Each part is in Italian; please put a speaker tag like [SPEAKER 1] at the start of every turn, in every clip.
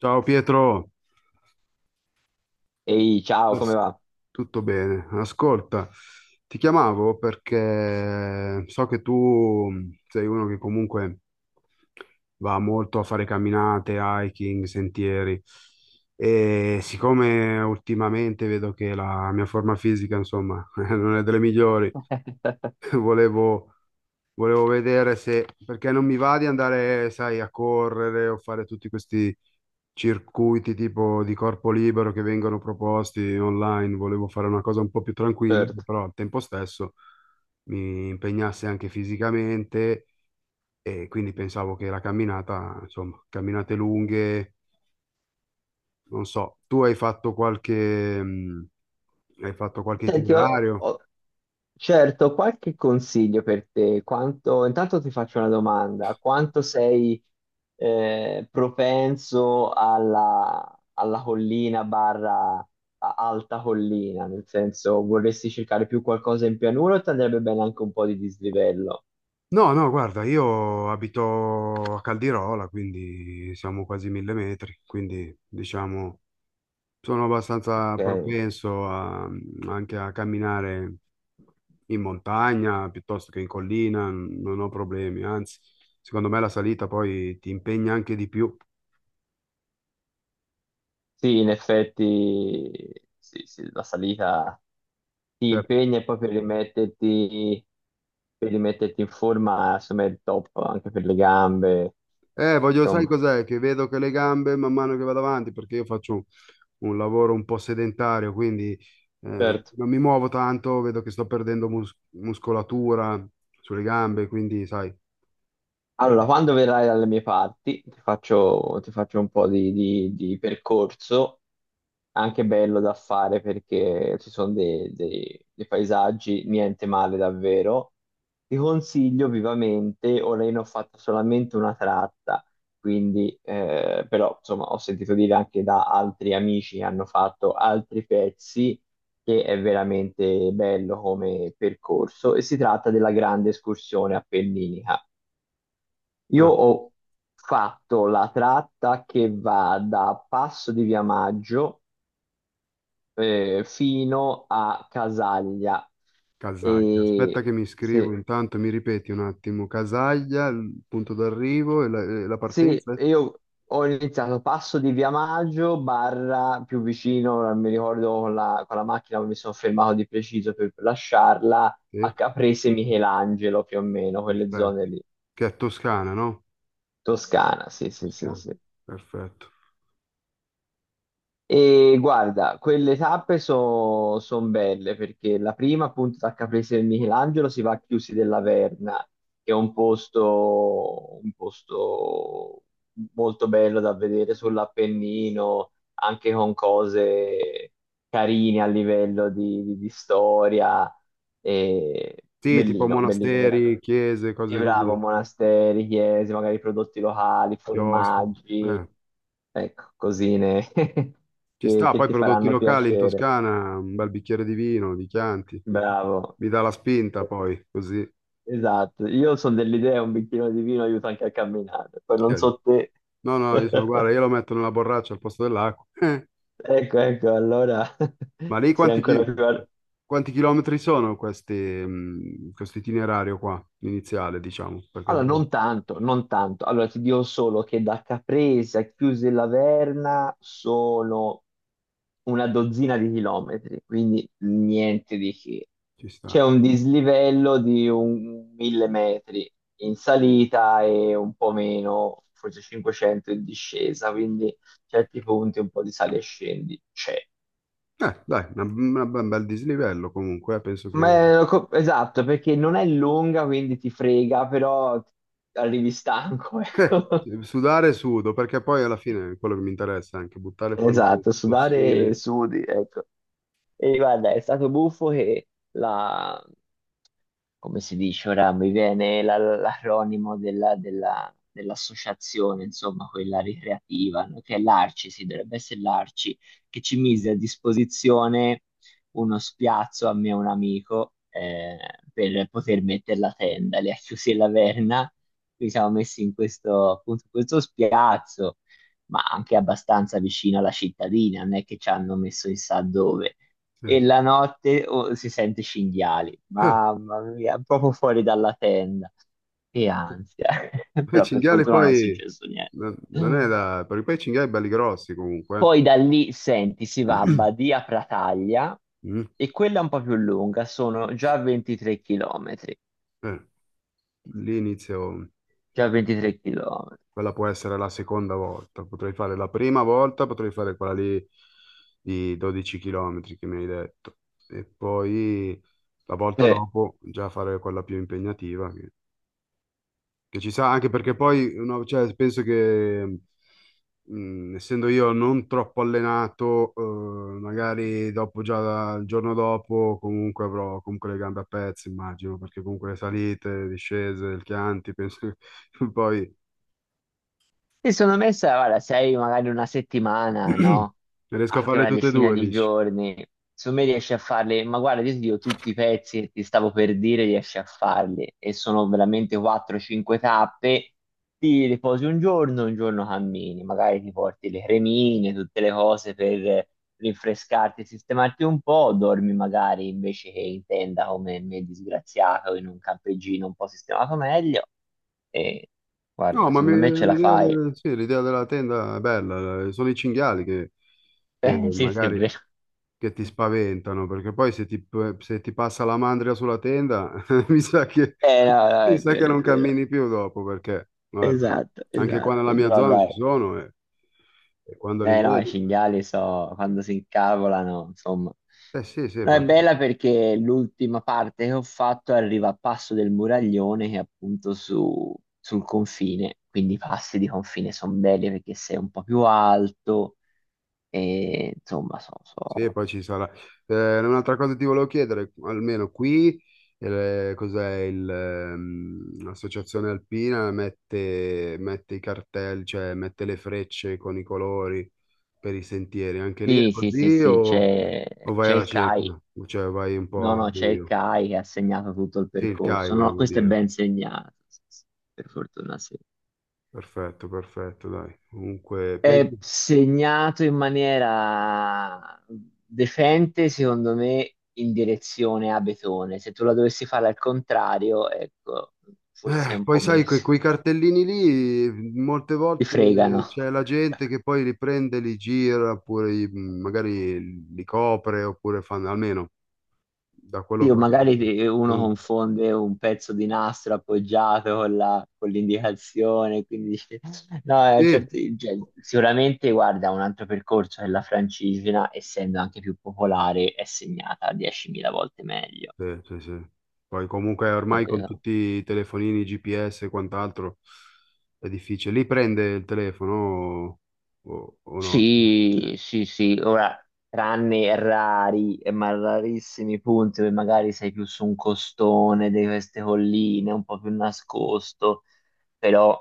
[SPEAKER 1] Ciao Pietro,
[SPEAKER 2] Ehi, ciao, come
[SPEAKER 1] Asco-
[SPEAKER 2] va?
[SPEAKER 1] tutto bene? Ascolta, ti chiamavo perché so che tu sei uno che comunque va molto a fare camminate, hiking, sentieri, e siccome ultimamente vedo che la mia forma fisica, insomma, non è delle migliori. volevo, volevo vedere se, perché non mi va di andare, sai, a correre o fare tutti questi circuiti tipo di corpo libero che vengono proposti online. Volevo fare una cosa un po' più tranquilla, che
[SPEAKER 2] Certo.
[SPEAKER 1] però al tempo stesso mi impegnasse anche fisicamente, e quindi pensavo che la camminata, insomma, camminate lunghe, non so, tu hai fatto qualche
[SPEAKER 2] Senti,
[SPEAKER 1] itinerario?
[SPEAKER 2] certo, ho qualche consiglio per te. Intanto ti faccio una domanda. Quanto sei propenso alla collina barra alta collina? Nel senso, vorresti cercare più qualcosa in pianura o ti andrebbe bene anche un po' di dislivello?
[SPEAKER 1] No, no, guarda, io abito a Caldirola, quindi siamo quasi 1000 metri, quindi diciamo sono abbastanza
[SPEAKER 2] Ok.
[SPEAKER 1] propenso anche a camminare in montagna piuttosto che in collina, non ho problemi, anzi, secondo me la salita poi ti impegna anche di più.
[SPEAKER 2] Sì, in effetti, sì, sì, la salita. Ti
[SPEAKER 1] Cioè,
[SPEAKER 2] impegni e poi per rimetterti in forma, insomma, è il top anche per le gambe,
[SPEAKER 1] voglio, sai
[SPEAKER 2] insomma.
[SPEAKER 1] cos'è? Che vedo che le gambe man mano che vado avanti, perché io faccio un lavoro un po' sedentario, quindi
[SPEAKER 2] Certo.
[SPEAKER 1] non mi muovo tanto, vedo che sto perdendo muscolatura sulle gambe, quindi sai.
[SPEAKER 2] Allora,
[SPEAKER 1] eh,
[SPEAKER 2] quando verrai dalle mie parti, ti faccio un po' di percorso anche bello da fare perché ci sono dei paesaggi, niente male davvero. Ti consiglio vivamente, ora io ne ho fatto solamente una tratta, quindi però insomma ho sentito dire anche da altri amici che hanno fatto altri pezzi, che è veramente bello come percorso, e si tratta della grande escursione appenninica. Io
[SPEAKER 1] ah,
[SPEAKER 2] ho fatto la tratta che va da Passo di Via Maggio fino a Casaglia.
[SPEAKER 1] Casaglia. Aspetta
[SPEAKER 2] E
[SPEAKER 1] che mi iscrivo,
[SPEAKER 2] sì,
[SPEAKER 1] intanto mi ripeti un attimo, Casaglia, il punto d'arrivo e la
[SPEAKER 2] sì,
[SPEAKER 1] partenza?
[SPEAKER 2] io ho iniziato passo di Via Maggio, barra più vicino, non mi ricordo con la macchina dove mi sono fermato di preciso per lasciarla, a
[SPEAKER 1] Sì,
[SPEAKER 2] Caprese Michelangelo più o meno, quelle
[SPEAKER 1] perfetto.
[SPEAKER 2] zone lì.
[SPEAKER 1] Che è Toscana, no?
[SPEAKER 2] Toscana, sì, sì, sì,
[SPEAKER 1] Toscana,
[SPEAKER 2] sì.
[SPEAKER 1] perfetto.
[SPEAKER 2] E guarda, quelle tappe sono belle perché la prima, appunto, da Caprese del Michelangelo si va a Chiusi della Verna, che è un posto molto bello da vedere sull'Appennino, anche con cose carine a livello di storia e
[SPEAKER 1] Sì, tipo
[SPEAKER 2] bellino, bellino
[SPEAKER 1] monasteri,
[SPEAKER 2] veramente.
[SPEAKER 1] chiese,
[SPEAKER 2] Sì,
[SPEAKER 1] cose
[SPEAKER 2] bravo,
[SPEAKER 1] così,
[SPEAKER 2] monasteri, chiese, magari prodotti locali,
[SPEAKER 1] chiostri.
[SPEAKER 2] formaggi,
[SPEAKER 1] Eh.
[SPEAKER 2] ecco, cosine
[SPEAKER 1] Ci sta,
[SPEAKER 2] che
[SPEAKER 1] poi
[SPEAKER 2] ti
[SPEAKER 1] prodotti
[SPEAKER 2] faranno
[SPEAKER 1] locali in
[SPEAKER 2] piacere.
[SPEAKER 1] Toscana, un bel bicchiere di vino, di Chianti.
[SPEAKER 2] Bravo,
[SPEAKER 1] Mi dà la spinta
[SPEAKER 2] eh,
[SPEAKER 1] poi, così.
[SPEAKER 2] esatto. Io sono dell'idea un bicchierino di vino aiuta anche a camminare, poi non
[SPEAKER 1] Cioè,
[SPEAKER 2] so te.
[SPEAKER 1] no, no, guarda, io lo metto nella borraccia al posto dell'acqua.
[SPEAKER 2] Ecco, ecco, allora
[SPEAKER 1] Ma lì
[SPEAKER 2] sei
[SPEAKER 1] quanti,
[SPEAKER 2] ancora
[SPEAKER 1] chi-
[SPEAKER 2] più... ar-
[SPEAKER 1] quanti chilometri sono questi, questo itinerario qua, iniziale, diciamo.
[SPEAKER 2] Allora, non tanto, non tanto. Allora, ti dico solo che da Caprese a Chiusi e Laverna sono una dozzina di km, quindi niente di che.
[SPEAKER 1] Ci sta.
[SPEAKER 2] C'è un dislivello di un 1000 metri in salita e un po' meno, forse 500 in discesa, quindi certi punti un po' di sale e scendi c'è.
[SPEAKER 1] Dai, un bel dislivello comunque, penso che...
[SPEAKER 2] Ma è co- esatto, perché non è lunga, quindi ti frega, però arrivi stanco, ecco.
[SPEAKER 1] eh, Sudare sudo, perché poi alla fine è quello che mi interessa, anche buttare fuori un po' di
[SPEAKER 2] Esatto, sudare e
[SPEAKER 1] tossine.
[SPEAKER 2] sudi, ecco. E guarda, è stato buffo che la come si dice ora, mi viene l'acronimo dell'associazione, insomma, quella ricreativa, no? Che è l'ARCI, sì, dovrebbe essere l'ARCI, che ci mise a disposizione uno spiazzo a me e un amico per poter mettere la tenda, le ha chiusi la verna, quindi siamo messi in questo, appunto, in questo spiazzo, ma anche abbastanza vicino alla cittadina, non è che ci hanno messo chissà dove.
[SPEAKER 1] Sì.
[SPEAKER 2] E la notte oh, si sente cinghiali. Mamma mia, proprio fuori dalla tenda. Che ansia.
[SPEAKER 1] Poi i
[SPEAKER 2] Però per
[SPEAKER 1] cinghiali
[SPEAKER 2] fortuna non è
[SPEAKER 1] poi
[SPEAKER 2] successo niente.
[SPEAKER 1] non è da... perché poi i cinghiali belli grossi comunque.
[SPEAKER 2] Poi da lì, senti, si va a
[SPEAKER 1] eh.
[SPEAKER 2] Badia Prataglia
[SPEAKER 1] Mm.
[SPEAKER 2] e quella è un po' più lunga, sono già 23 chilometri.
[SPEAKER 1] Eh, lì inizio,
[SPEAKER 2] Già 23 chilometri.
[SPEAKER 1] quella può essere la seconda volta, potrei fare la prima volta, potrei fare quella lì di 12 km che mi hai detto, e poi la volta
[SPEAKER 2] Sì.
[SPEAKER 1] dopo già fare quella più impegnativa che ci sa anche perché poi no, cioè, penso che essendo io non troppo allenato, magari dopo già il giorno dopo comunque avrò comunque le gambe a pezzi, immagino, perché comunque le salite, le discese, il Chianti, penso che poi
[SPEAKER 2] Mi sono messa, guarda, sei magari una settimana, no?
[SPEAKER 1] riesco a
[SPEAKER 2] Anche
[SPEAKER 1] farle
[SPEAKER 2] una
[SPEAKER 1] tutte e
[SPEAKER 2] decina
[SPEAKER 1] due,
[SPEAKER 2] di
[SPEAKER 1] dici?
[SPEAKER 2] giorni. Su me riesci a farli, ma guarda, io ti dico tutti i pezzi che ti stavo per dire, riesci a farli. E sono veramente 4-5 tappe. Ti riposi un giorno cammini. Magari ti porti le cremine, tutte le cose per rinfrescarti e sistemarti un po'. Dormi magari invece che in tenda come me disgraziato in un campeggino un po' sistemato meglio. E
[SPEAKER 1] No,
[SPEAKER 2] guarda,
[SPEAKER 1] ma
[SPEAKER 2] secondo me ce la fai.
[SPEAKER 1] sì, l'idea della tenda è bella, sono i cinghiali che
[SPEAKER 2] Sì, sì, è
[SPEAKER 1] magari
[SPEAKER 2] vero.
[SPEAKER 1] che ti spaventano, perché poi se ti passa la mandria sulla tenda, mi sa che,
[SPEAKER 2] No, no,
[SPEAKER 1] mi
[SPEAKER 2] è
[SPEAKER 1] sa che
[SPEAKER 2] vero, è
[SPEAKER 1] non
[SPEAKER 2] vero.
[SPEAKER 1] cammini più dopo, perché guarda,
[SPEAKER 2] Esatto,
[SPEAKER 1] anche qua nella
[SPEAKER 2] esatto.
[SPEAKER 1] mia
[SPEAKER 2] Però
[SPEAKER 1] zona
[SPEAKER 2] dai,
[SPEAKER 1] ci sono, e quando li
[SPEAKER 2] no, i
[SPEAKER 1] vedi,
[SPEAKER 2] cinghiali so, quando si incavolano, insomma.
[SPEAKER 1] eh sì, sì,
[SPEAKER 2] No, è
[SPEAKER 1] guarda.
[SPEAKER 2] bella perché l'ultima parte che ho fatto arriva a Passo del Muraglione, che è appunto su, sul confine. Quindi i passi di confine sono belli perché sei un po' più alto e insomma, so,
[SPEAKER 1] Sì, e
[SPEAKER 2] so.
[SPEAKER 1] poi ci sarà. Un'altra cosa ti volevo chiedere, almeno qui, cos'è l'associazione alpina mette i cartelli, cioè mette le frecce con i colori per i sentieri. Anche lì è
[SPEAKER 2] Sì, sì, sì,
[SPEAKER 1] così
[SPEAKER 2] sì,
[SPEAKER 1] o, o vai
[SPEAKER 2] c'è
[SPEAKER 1] alla
[SPEAKER 2] il CAI.
[SPEAKER 1] cieca? Cioè vai un po'
[SPEAKER 2] No,
[SPEAKER 1] al
[SPEAKER 2] no, c'è il
[SPEAKER 1] buio?
[SPEAKER 2] CAI che ha segnato tutto il
[SPEAKER 1] Sì, il CAI
[SPEAKER 2] percorso. No,
[SPEAKER 1] volevo
[SPEAKER 2] questo è
[SPEAKER 1] dire.
[SPEAKER 2] ben segnato, sì, sì, per fortuna sì.
[SPEAKER 1] Perfetto, perfetto, dai. Comunque,
[SPEAKER 2] È
[SPEAKER 1] penso...
[SPEAKER 2] segnato in maniera decente, secondo me, in direzione a Betone. Se tu la dovessi fare al contrario, ecco, forse un
[SPEAKER 1] Poi
[SPEAKER 2] po'
[SPEAKER 1] sai,
[SPEAKER 2] meno si,
[SPEAKER 1] quei cartellini lì, molte
[SPEAKER 2] si
[SPEAKER 1] volte
[SPEAKER 2] fregano.
[SPEAKER 1] c'è la gente che poi li prende, li gira, oppure magari li copre, oppure fanno, almeno da
[SPEAKER 2] Sì,
[SPEAKER 1] quello
[SPEAKER 2] o
[SPEAKER 1] che ho
[SPEAKER 2] magari
[SPEAKER 1] sentito.
[SPEAKER 2] ti- uno
[SPEAKER 1] fanno un-
[SPEAKER 2] confonde un pezzo di nastro appoggiato con con l'indicazione, quindi dice- no,
[SPEAKER 1] Sì,
[SPEAKER 2] certo, cioè, sicuramente guarda un altro percorso che la francigena, essendo anche più popolare, è segnata 10.000 volte meglio.
[SPEAKER 1] sì, sì, sì. Poi comunque ormai con
[SPEAKER 2] Eh,
[SPEAKER 1] tutti i telefonini, GPS e quant'altro è difficile. Lì prende il telefono o no?
[SPEAKER 2] Sì, sì, sì, ora, tranne rari, ma rarissimi punti dove magari sei più su un costone di queste colline, un po' più nascosto, però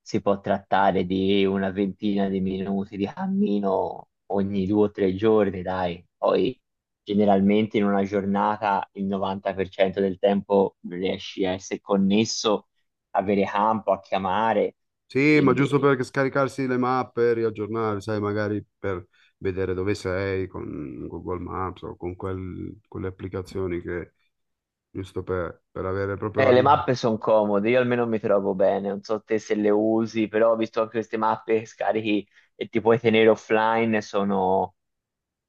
[SPEAKER 2] si può trattare di una ventina di minuti di cammino ogni due o tre giorni, dai. Poi generalmente in una giornata il 90% del tempo riesci a essere connesso, avere campo, a chiamare,
[SPEAKER 1] Sì, ma giusto
[SPEAKER 2] quindi...
[SPEAKER 1] per scaricarsi le mappe, riaggiornare, sai, magari per vedere dove sei con Google Maps o con quelle applicazioni che, giusto per avere proprio la
[SPEAKER 2] Le
[SPEAKER 1] via.
[SPEAKER 2] mappe sono comode, io almeno mi trovo bene, non so te se le usi, però ho visto che queste mappe che scarichi e ti puoi tenere offline, sono...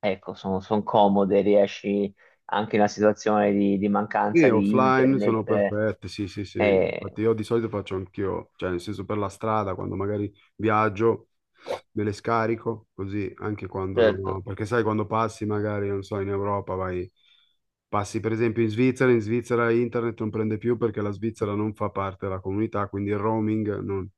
[SPEAKER 2] Ecco, sono comode, riesci anche in una situazione di
[SPEAKER 1] Sì,
[SPEAKER 2] mancanza di
[SPEAKER 1] offline sono
[SPEAKER 2] internet.
[SPEAKER 1] perfette, sì, sì, sì. Infatti
[SPEAKER 2] Eh,
[SPEAKER 1] io di solito faccio anch'io, cioè nel senso per la strada, quando magari viaggio, me le scarico, così anche quando non
[SPEAKER 2] certo,
[SPEAKER 1] ho... Perché sai, quando passi magari, non so, in Europa vai... Passi per esempio in Svizzera internet non prende più perché la Svizzera non fa parte della comunità, quindi il roaming non,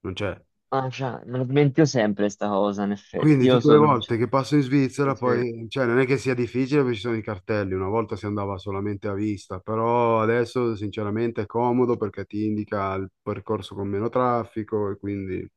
[SPEAKER 1] non c'è.
[SPEAKER 2] ah, già, me lo dimentico sempre sta cosa, in effetti.
[SPEAKER 1] Quindi
[SPEAKER 2] Io
[SPEAKER 1] tutte le
[SPEAKER 2] sono...
[SPEAKER 1] volte che passo in Svizzera, poi, cioè, non è che sia difficile perché ci sono i cartelli, una volta si andava solamente a vista, però adesso sinceramente è comodo perché ti indica il percorso con meno traffico, e quindi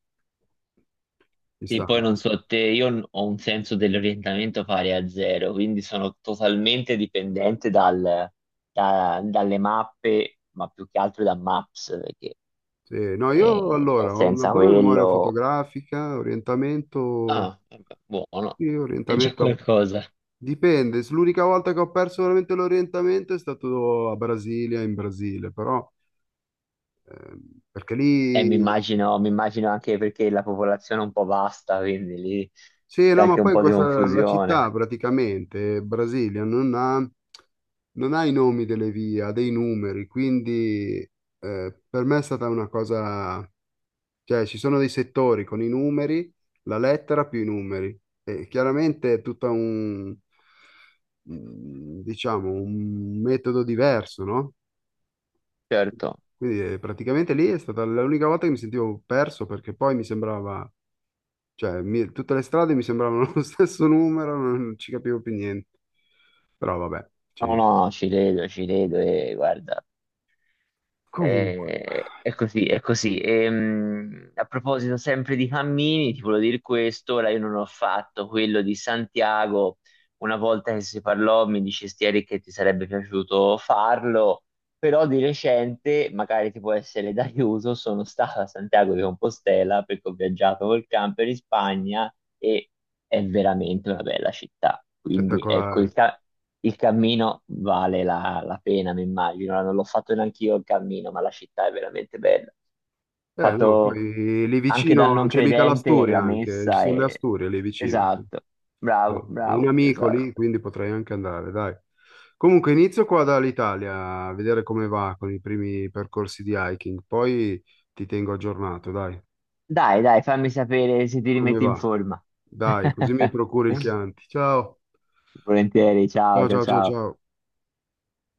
[SPEAKER 1] ci
[SPEAKER 2] Sì,
[SPEAKER 1] sta.
[SPEAKER 2] poi non so te, io n- ho un senso dell'orientamento pari a zero, quindi sono totalmente dipendente dalle mappe, ma più che altro da Maps, perché
[SPEAKER 1] Sì, no, io
[SPEAKER 2] cioè,
[SPEAKER 1] allora ho una
[SPEAKER 2] senza
[SPEAKER 1] buona memoria
[SPEAKER 2] quello...
[SPEAKER 1] fotografica, orientamento,
[SPEAKER 2] Ah, vabbè, buono,
[SPEAKER 1] sì,
[SPEAKER 2] è già qualcosa.
[SPEAKER 1] dipende, l'unica volta che ho perso veramente l'orientamento è stato a Brasilia, in Brasile, però... perché
[SPEAKER 2] E
[SPEAKER 1] lì
[SPEAKER 2] mi immagino anche perché la popolazione è un po' vasta, quindi lì
[SPEAKER 1] Sì,
[SPEAKER 2] c'è
[SPEAKER 1] no, ma
[SPEAKER 2] anche un
[SPEAKER 1] poi
[SPEAKER 2] po' di
[SPEAKER 1] questa, la città
[SPEAKER 2] confusione.
[SPEAKER 1] praticamente, Brasilia, non ha i nomi delle vie, ha dei numeri, quindi per me è stata una cosa, cioè ci sono dei settori con i numeri, la lettera più i numeri, e chiaramente è tutta diciamo, un metodo diverso, no?
[SPEAKER 2] Certo.
[SPEAKER 1] Quindi praticamente lì è stata l'unica volta che mi sentivo perso perché poi mi sembrava, cioè, tutte le strade mi sembravano lo stesso numero, non ci capivo più niente. Però vabbè,
[SPEAKER 2] No, no, ci credo e guarda,
[SPEAKER 1] comunque,
[SPEAKER 2] eh, è così, è così. E, a proposito sempre di cammini, ti volevo dire questo, ora io non ho fatto quello di Santiago. Una volta che si parlò, mi dicesti Eric che ti sarebbe piaciuto farlo, però di recente, magari ti può essere d'aiuto, sono stato a Santiago di Compostela perché ho viaggiato col camper in Spagna e è veramente una bella città. Quindi ecco
[SPEAKER 1] spettacolare.
[SPEAKER 2] il cammino vale la pena, mi immagino. Non l'ho fatto neanche io il cammino, ma la città è veramente bella.
[SPEAKER 1] Eh no,
[SPEAKER 2] Fatto
[SPEAKER 1] poi lì
[SPEAKER 2] anche da
[SPEAKER 1] vicino
[SPEAKER 2] non
[SPEAKER 1] c'è mica
[SPEAKER 2] credente, la
[SPEAKER 1] l'Asturia anche, ci
[SPEAKER 2] messa
[SPEAKER 1] sono le
[SPEAKER 2] è...
[SPEAKER 1] Asturie lì vicino. Sì.
[SPEAKER 2] Esatto, bravo,
[SPEAKER 1] Ho un
[SPEAKER 2] bravo,
[SPEAKER 1] amico lì,
[SPEAKER 2] esatto.
[SPEAKER 1] quindi potrei anche andare, dai. Comunque inizio qua dall'Italia a vedere come va con i primi percorsi di hiking, poi ti tengo aggiornato, dai.
[SPEAKER 2] Dai, dai, fammi sapere se ti
[SPEAKER 1] Come
[SPEAKER 2] rimetti in
[SPEAKER 1] va?
[SPEAKER 2] forma.
[SPEAKER 1] Dai, così mi procuri il Chianti. Ciao.
[SPEAKER 2] Volentieri, ciao,
[SPEAKER 1] Ciao,
[SPEAKER 2] ciao,
[SPEAKER 1] ciao, ciao,
[SPEAKER 2] ciao.
[SPEAKER 1] ciao.